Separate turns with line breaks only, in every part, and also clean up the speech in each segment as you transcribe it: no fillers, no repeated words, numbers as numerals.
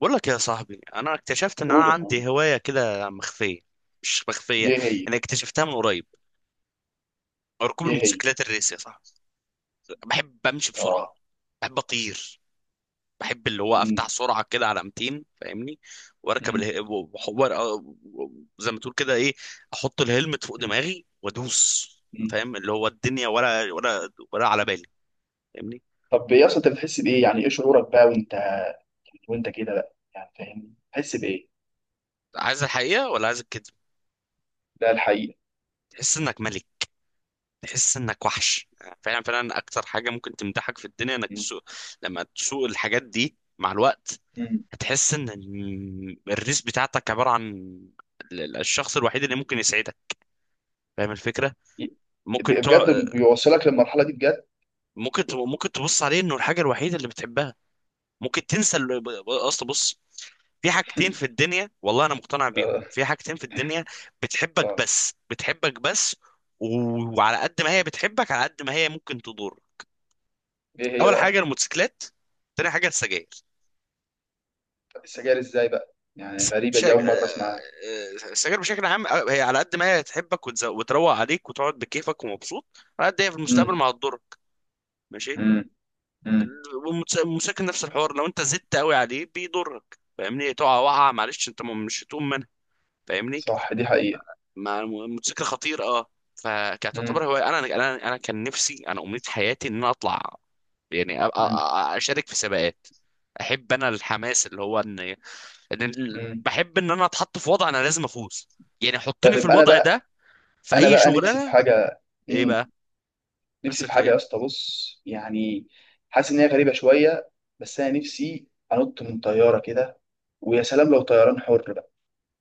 بقول لك يا صاحبي، انا اكتشفت ان انا
قول يا اخويا.
عندي هوايه كده مخفيه. مش مخفيه،
دي هي.
انا اكتشفتها من قريب. ركوب
دي هي.
الموتوسيكلات الريس يا صاحبي. بحب امشي
اه.
بسرعه. بحب اطير. بحب اللي هو افتح
مم.
سرعه كده على 200، فاهمني. واركب
مم.
اله... و- و- و- زي ما تقول كده ايه، احط الهلمت فوق
مم.
دماغي وادوس.
مم.
فاهم اللي هو الدنيا ولا على بالي، فاهمني.
طب يا اسطى، انت بتحس بايه، يعني ايه شعورك بقى وانت كده بقى يعني فاهمني، بتحس بايه؟
عايز الحقيقه ولا عايز الكذب؟
ده الحقيقه.
تحس انك ملك. تحس انك وحش. فعلا فعلا، اكتر حاجه ممكن تمدحك في الدنيا انك
مم.
تسوق. لما تسوق الحاجات دي مع الوقت
مم.
هتحس ان الريس بتاعتك عباره عن الشخص الوحيد اللي ممكن يسعدك. فاهم الفكره؟
ي-
ممكن تع...
بجد بيوصلك للمرحله دي بجد.
ممكن تبص عليه انه الحاجه الوحيده اللي بتحبها. ممكن تنسى اصل بص، في حاجتين في الدنيا والله انا مقتنع بيهم،
اه.
في حاجتين في الدنيا بتحبك
اه.
بس، بتحبك بس. وعلى قد ما هي بتحبك، على قد ما هي ممكن تضرك.
ايه هي
اول حاجه
بقى؟
الموتوسيكلات، تاني حاجه السجاير.
طب السجاير ازاي بقى، يعني
الس-
غريبه،
شا...
دي اول مره
آه،
اسمعها.
آه، السجاير بشكل عام، هي على قد ما هي تحبك وتروق عليك وتقعد بكيفك ومبسوط، على قد هي في المستقبل
مم.
ما هتضرك. ماشي.
مم. مم.
والموتوسيكل نفس الحوار. لو انت زدت قوي عليه بيضرك، فاهمني، تقع وقعه معلش، انت مش هتقوم منها، فاهمني.
صح دي حقيقه.
مع الموتوسيكل خطير اه. فكانت تعتبر
مم.
هو انا كان نفسي، انا امنية حياتي ان انا اطلع يعني
مم.
اشارك في سباقات. احب انا الحماس اللي هو ان
مم.
بحب ان انا اتحط في وضع انا لازم افوز يعني. حطني في
طيب انا
الوضع
بقى،
ده في
انا
اي
بقى نفسي في
شغلانه.
حاجه.
ايه
مم.
بقى؟
نفسي في
نفسك في
حاجه
ايه؟
يا اسطى، بص يعني، حاسس ان هي غريبه شويه، بس انا نفسي انط من طياره كده، ويا سلام لو طيران حر بقى،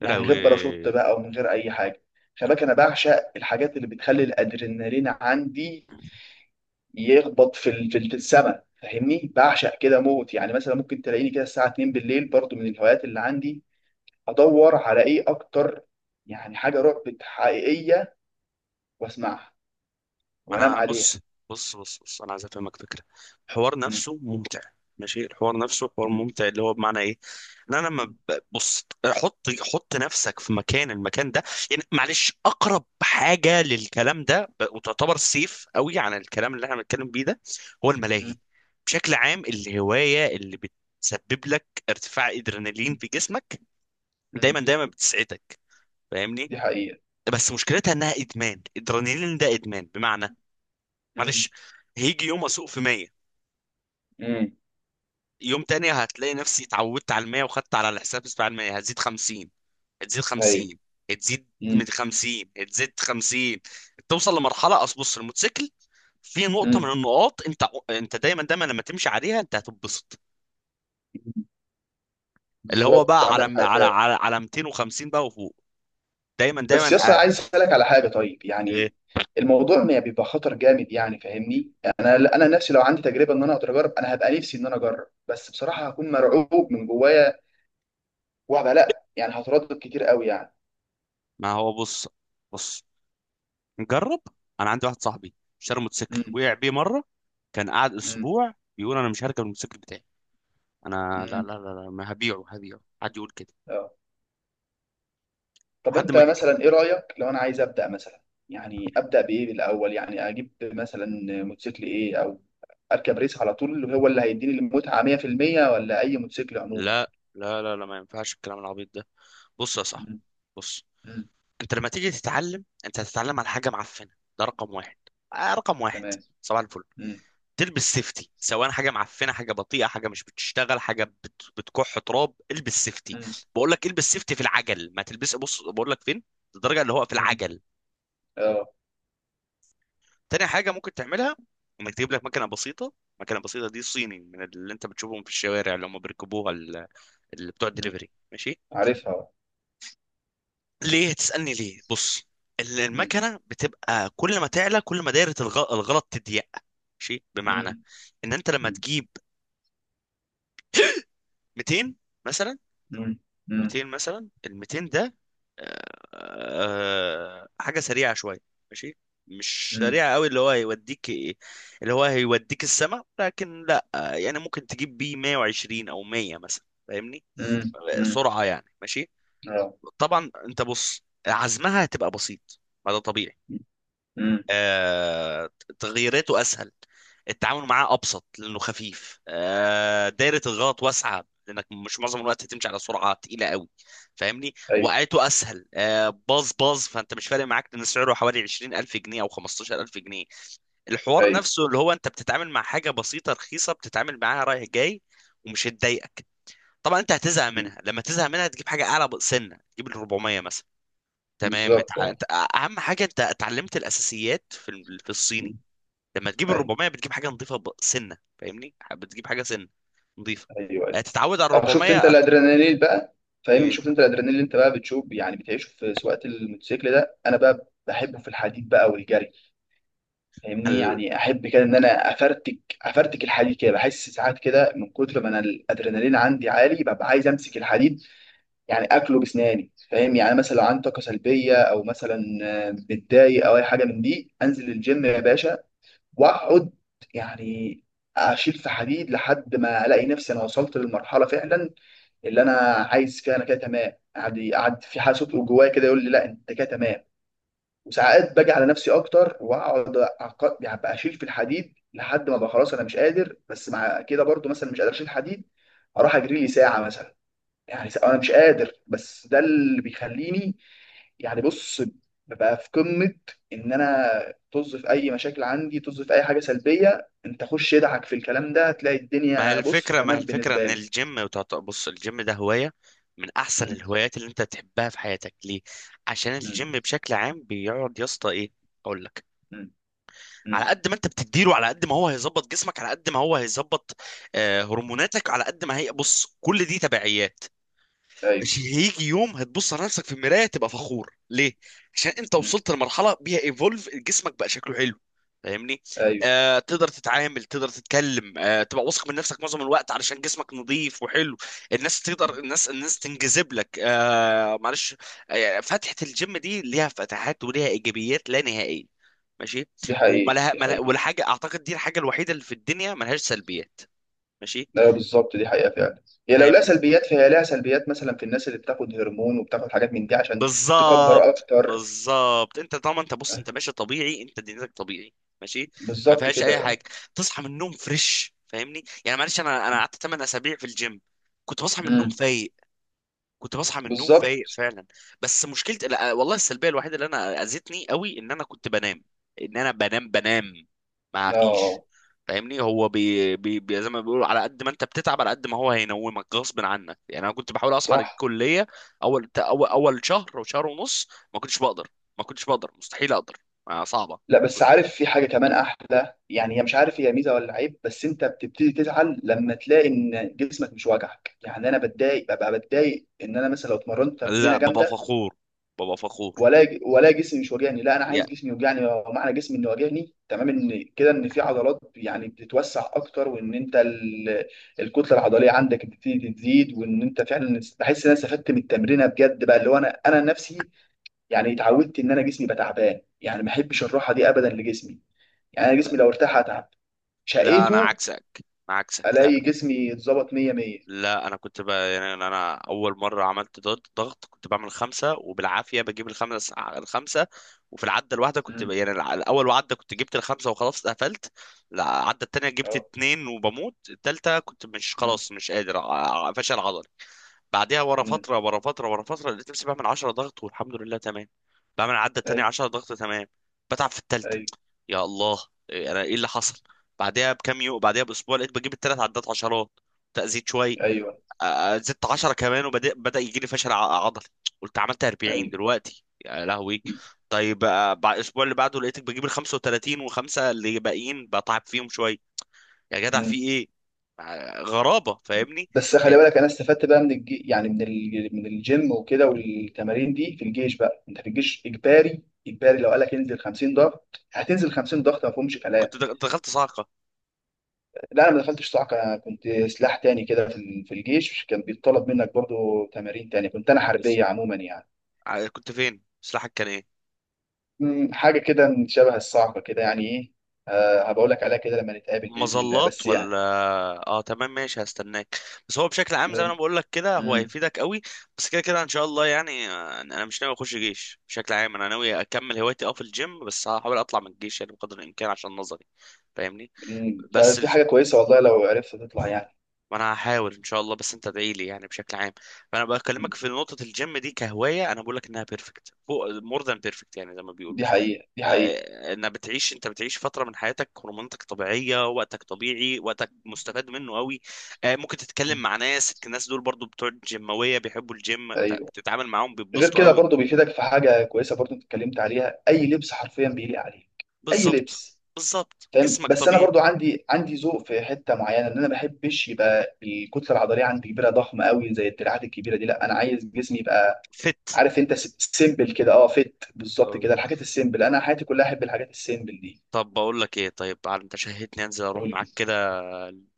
يا
يعني من غير باراشوت
لهوي.
بقى ومن غير اي حاجه. خلي بالك انا بعشق الحاجات اللي بتخلي الادرينالين عندي يخبط في السما، فاهمني؟ بعشق كده موت، يعني مثلا ممكن تلاقيني كده الساعه 2 بالليل، برضو من الهوايات اللي عندي، ادور على ايه اكتر، يعني حاجه رعب حقيقيه واسمعها
ما انا
وانام
أنا
عليها.
بص بص بص بص، انا عايز افهمك فكره. الحوار
م-
نفسه ممتع، ماشي. الحوار نفسه حوار
م-
ممتع، اللي هو بمعنى ايه؟ إن انا لما
م-
بص، حط حط نفسك في المكان ده يعني، معلش. اقرب حاجه للكلام ده وتعتبر سيف قوي عن الكلام اللي احنا بنتكلم بيه ده، هو الملاهي. بشكل عام الهوايه اللي بتسبب لك ارتفاع
م-
ادرينالين في جسمك،
م-
دايما دايما بتسعدك، فاهمني.
دي حقيقة.
بس مشكلتها انها ادمان، ادرينالين ده ادمان، بمعنى،
امم.
معلش، هيجي يوم اسوق في 100،
امم.
يوم تاني هتلاقي نفسي اتعودت على ال 100، وخدت على الحساب بتاع ال 100، هتزيد 50، هتزيد
ايوه.
50، هتزيد
امم.
من 50، هتزيد 50. توصل لمرحله اصل بص الموتوسيكل، في نقطه من
امم.
النقاط انت، دايما دايما لما تمشي عليها انت هتتبسط. اللي هو
بالظبط
بقى
عندك حق فعلا.
على 250 بقى وفوق، دايما
بس
دايما.
يس، أنا
آه،
عايز اسالك على حاجه، طيب
إيه،
يعني الموضوع ما بيبقى خطر جامد، يعني فاهمني، انا نفسي لو عندي تجربه ان انا اقدر اجرب، انا هبقى نفسي ان انا اجرب، بس بصراحه هكون مرعوب من جوايا، وهبقى لا، يعني هتردد كتير قوي يعني.
ما هو بص بص، نجرب. انا عندي واحد صاحبي اشترى موتوسيكل
امم.
وقع بيه مره. كان قاعد
امم.
اسبوع بيقول انا مش هركب الموتوسيكل بتاعي. انا لا
امم.
لا لا لا، ما هبيعه، هبيعه، حد يقول كده.
طب
حد
انت
ما ج-
مثلا ايه رايك لو انا عايز ابدا مثلا، يعني ابدا بايه الاول، يعني اجيب مثلا موتوسيكل ايه، او اركب ريس على طول اللي هو اللي هيديني المتعه 100%، ولا اي موتوسيكل عموما؟
لا لا لا لا، ما ينفعش الكلام العبيط ده. بص يا صاحبي،
مم.
بص.
مم.
انت لما تيجي تتعلم، انت هتتعلم على حاجه معفنه، ده رقم واحد. آه، رقم واحد.
تمام.
صباح الفل.
مم.
تلبس سيفتي، سواء حاجه معفنه، حاجه بطيئه، حاجه مش بتشتغل، حاجه بتكح تراب، البس سيفتي.
مم.
بقول لك البس سيفتي في العجل، ما تلبس بص بقول لك فين، الدرجه اللي هو في
مم.
العجل.
اه.
تاني حاجة ممكن تعملها انك تجيب لك مكنة بسيطة. مكنة بسيطة دي صيني، من اللي انت بتشوفهم في الشوارع، اللي هم بيركبوها اللي بتوع
مم.
الدليفري، ماشي.
عارفها.
ليه تسألني ليه، بص.
مم.
المكنة بتبقى كل ما تعلى، كل ما دايرة الغلط تضيق، ماشي. بمعنى
مم.
ان انت لما
مم.
تجيب 200 مثلا،
مم. مم.
200 مثلا، ال 200 ده حاجه سريعه شويه، ماشي، مش سريعه قوي اللي هو هيوديك، اللي هو هيوديك السما، لكن لا، يعني ممكن تجيب بيه 120 او 100 مثلا، فاهمني.
مم. مم.
سرعه يعني، ماشي.
اه.
طبعا انت بص عزمها هتبقى بسيط، ما ده طبيعي.
مم.
آه، تغييراته اسهل، التعامل معاه ابسط لانه خفيف. دايره الغلط واسعه لانك مش معظم الوقت تمشي على سرعه تقيله قوي، فاهمني.
ايوه.
وقعته اسهل، باظ باظ فانت مش فارق معاك، لان سعره حوالي 20,000 جنيه او 15,000 جنيه. الحوار
ايوه.
نفسه اللي هو انت بتتعامل مع حاجه بسيطه رخيصه، بتتعامل معاها رايح جاي ومش هتضايقك. طبعا انت هتزهق
مم.
منها. لما تزهق منها تجيب حاجه اعلى سنه، تجيب ال 400 مثلا، تمام.
بالظبط اه.
انت اهم حاجه انت اتعلمت الاساسيات في في
مم.
الصيني. لما تجيب ال
ايوه.
400 بتجيب حاجه نظيفه سنه، فاهمني، بتجيب حاجه سنه نظيفه.
ايوه.
هتتعود على ال
اه، شفت انت
400
الادرينالين بقى، فاهمني؟ شفت
يبقى
انت الادرينالين اللي انت بقى بتشوف، يعني بتعيشه في سواقه الموتوسيكل ده، انا بقى بحبه في الحديد بقى والجري، فاهمني؟
ال-
يعني احب كده ان انا افرتك افرتك الحديد كده، بحس ساعات كده من كتر ما انا الادرينالين عندي عالي، ببقى عايز امسك الحديد، يعني اكله باسناني، فاهم؟ يعني مثلا لو عندي طاقه سلبيه او مثلا آه، متضايق او اي حاجه من دي، انزل الجيم يا باشا واقعد، يعني اشيل في حديد لحد ما الاقي نفسي انا وصلت للمرحله فعلا اللي انا عايز فيها، انا كده تمام، قعد قعد في حاجه صوت جوايا كده يقول لي لا انت كده تمام. وساعات باجي على نفسي اكتر واقعد، أبقى اشيل في الحديد لحد ما بقى خلاص انا مش قادر، بس مع كده برضو مثلا مش قادر اشيل حديد، اروح اجري لي ساعه مثلا، يعني ساعة انا مش قادر، بس ده اللي بيخليني يعني بص ببقى في قمه، ان انا طز في اي مشاكل عندي، طز في اي حاجه سلبيه. انت خش يدعك في الكلام ده، هتلاقي
ما هي
الدنيا بص
الفكره
تمام بالنسبه
ان
لي.
الجيم بص الجيم ده هوايه من احسن
م-
الهوايات اللي انت تحبها في حياتك، ليه؟ عشان
م-
الجيم بشكل عام بيقعد يا اسطى ايه، اقول لك،
م- م.
على قد ما انت بتديله على قد ما هو هيظبط جسمك، على قد ما هو هيظبط هرموناتك، على قد ما هي بص كل دي تبعيات.
ايوه
مش هيجي يوم هتبص على نفسك في المرايه تبقى فخور؟ ليه؟ عشان انت
مم.
وصلت لمرحله بيها ايفولف جسمك بقى شكله حلو، فاهمني.
ايوه
تقدر تتعامل، تقدر تتكلم، تبقى واثق من نفسك معظم الوقت علشان جسمك نظيف وحلو. الناس تقدر
مم.
الناس الناس تنجذب لك، معلش. فتحة الجيم دي ليها فتحات وليها ايجابيات لا نهائيه، ماشي.
دي حقيقة
وملها
دي
ملها
حقيقة
ولا حاجه، اعتقد دي الحاجه الوحيده اللي في الدنيا ملهاش سلبيات، ماشي.
ايوه بالظبط دي حقيقة فعلا. هي لو لها
فاهمني؟
سلبيات، فهي لها سلبيات مثلا في الناس اللي بتاخد هرمون وبتاخد حاجات من دي عشان تكبر
بالظبط
اكتر.
بالظبط، انت طالما انت بص انت ماشي طبيعي، انت دنيتك طبيعي، ماشي، ما
بالظبط
فيهاش اي حاجه.
كده.
تصحى من النوم فريش، فاهمني. يعني معلش انا قعدت 8 اسابيع في الجيم، كنت بصحى من النوم
مم.
فايق، كنت بصحى من النوم
بالظبط
فايق فعلا. بس مشكلة، لا، والله السلبية الوحيدة اللي انا اذتني قوي ان انا كنت بنام، ان انا بنام بنام، ما فيش،
اه.
فاهمني. هو زي ما بيقولوا، على قد ما انت بتتعب على قد ما هو هينومك غصب عنك، يعني انا كنت بحاول اصحى
صح.
للكلية. اول شهر او شهر ونص ما كنتش بقدر، ما كنتش بقدر، مستحيل اقدر. صعبة.
لا بس عارف في حاجة كمان احلى، يعني هي مش عارف هي ميزة ولا عيب، بس انت بتبتدي تزعل لما تلاقي ان جسمك مش واجعك، يعني انا بتضايق، ببقى بتضايق ان انا مثلا لو اتمرنت
لا
تمرينة
بابا
جامدة
فخور، بابا فخور.
ولا جسمي مش واجعني، لا انا
يا
عايز جسمي يوجعني، ومعنى جسمي انه واجعني تمام، ان كده ان في عضلات يعني بتتوسع اكتر، وان انت الكتله العضليه عندك بتبتدي تزيد، وان انت فعلا بحس ان انا استفدت من التمرينه بجد بقى، اللي هو انا نفسي. يعني اتعودت ان انا جسمي بقى تعبان، يعني ما احبش الراحه دي ابدا لجسمي، يعني انا
لا
جسمي لو ارتاح اتعب
لا، انا
شقيته،
عكسك، انا عكسك،
الاقي
لا.
جسمي اتظبط 100 100.
لا انا كنت بقى يعني انا اول مره عملت ضغط، ضغط كنت بعمل خمسه وبالعافيه بجيب الخمسه الخمسه. وفي العده الواحده كنت
امم.
الاول عده كنت جبت الخمسه وخلاص قفلت. العده التانيه جبت
اه.
اتنين وبموت. التالته كنت مش
امم.
خلاص مش قادر فشل عضلي. بعدها ورا
امم.
فتره، ورا فتره، ورا فتره لقيت نفسي بعمل 10 ضغط، والحمد لله تمام. بعمل العده التانيه
ايوه.
10 ضغط تمام، بتعب في التالته.
ايوه.
يا الله، إيه، انا ايه اللي حصل؟ بعدها بكام يوم، بعدها باسبوع، لقيت بجيب التلات عدات عشرات، تأزيد شوية.
ايوه.
زدت 10 كمان وبدأ يجي لي فشل عضلي. قلت عملت 40
ايوه.
دلوقتي، يا لهوي. طيب، بعد الاسبوع اللي بعده لقيتك بجيب ال 35 وخمسه اللي باقيين بتعب فيهم شويه. يا جدع في ايه؟ غرابه، فاهمني.
بس خلي
آه،
بالك انا استفدت بقى من الجي... يعني من ال... من الجيم وكده، والتمارين دي في الجيش بقى، انت في الجيش اجباري اجباري، لو قالك انزل 50 ضغط هتنزل 50 ضغط، ما فيهمش كلام.
كنت دخلت صاعقه،
لا انا ما دخلتش كنت سلاح تاني كده في الجيش، كان بيتطلب منك برضو تمارين تانية، كنت انا
بس.
حربيه عموما يعني.
كنت فين؟ سلاحك كان ايه؟
أمم، حاجه كده من شبه الصاعقه كده. يعني ايه؟ أه، هبقول لك عليها كده لما نتقابل باذن الله،
مظلات
بس
ولا؟
يعني.
اه تمام، ماشي، هستناك. بس هو بشكل عام زي ما انا بقول لك كده، هو
امم.
هيفيدك قوي، بس كده كده ان شاء الله يعني. انا مش ناوي اخش جيش بشكل عام، انا ناوي اكمل هوايتي في الجيم، بس هحاول اطلع من الجيش يعني بقدر الامكان عشان نظري، فاهمني.
أمم،
بس
فدي حاجه كويسه والله لو عرفت تطلع يعني.
ما انا هحاول ان شاء الله، بس انت ادعي لي يعني، بشكل عام. فانا
أمم،
بكلمك في نقطة الجيم دي كهواية، انا بقول لك انها بيرفكت، فوق مور ذان بيرفكت، يعني زي ما بيقولوا.
دي حقيقه. دي حقيقه.
انها بتعيش انت بتعيش فتره من حياتك هرموناتك طبيعيه، وقتك طبيعي، وقتك مستفاد منه قوي. ممكن تتكلم
أمم،
مع الناس دول برضو بتوع الجيماويه بيحبوا الجيم،
ايوه.
فبتتعامل معاهم
غير
بيتبسطوا
كده
قوي.
برضو بيفيدك في حاجه كويسه، برضو انت اتكلمت عليها، اي لبس حرفيا بيليق عليك، اي
بالظبط
لبس.
بالظبط
فاهم؟
جسمك
بس انا
طبيعي.
برضو عندي ذوق في حته معينه، ان انا ما بحبش يبقى الكتله العضليه عندي كبيره ضخمه قوي زي الدراعات الكبيره دي، لا انا عايز جسمي يبقى
فت
عارف انت سيمبل كده، اه فيت بالظبط كده، الحاجات السيمبل، انا حياتي كلها احب الحاجات السيمبل دي.
طب بقول لك ايه؟ طيب، على انت شهيتني انزل اروح
قول لي.
معاك كده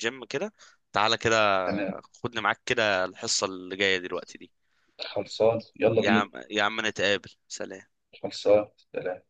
جيم كده، تعالى كده
تمام.
خدني معاك كده، الحصه اللي جايه دلوقتي دي.
خلصان يلا
يا
بينا.
عم يا عم، نتقابل، سلام.
خلصان. سلام.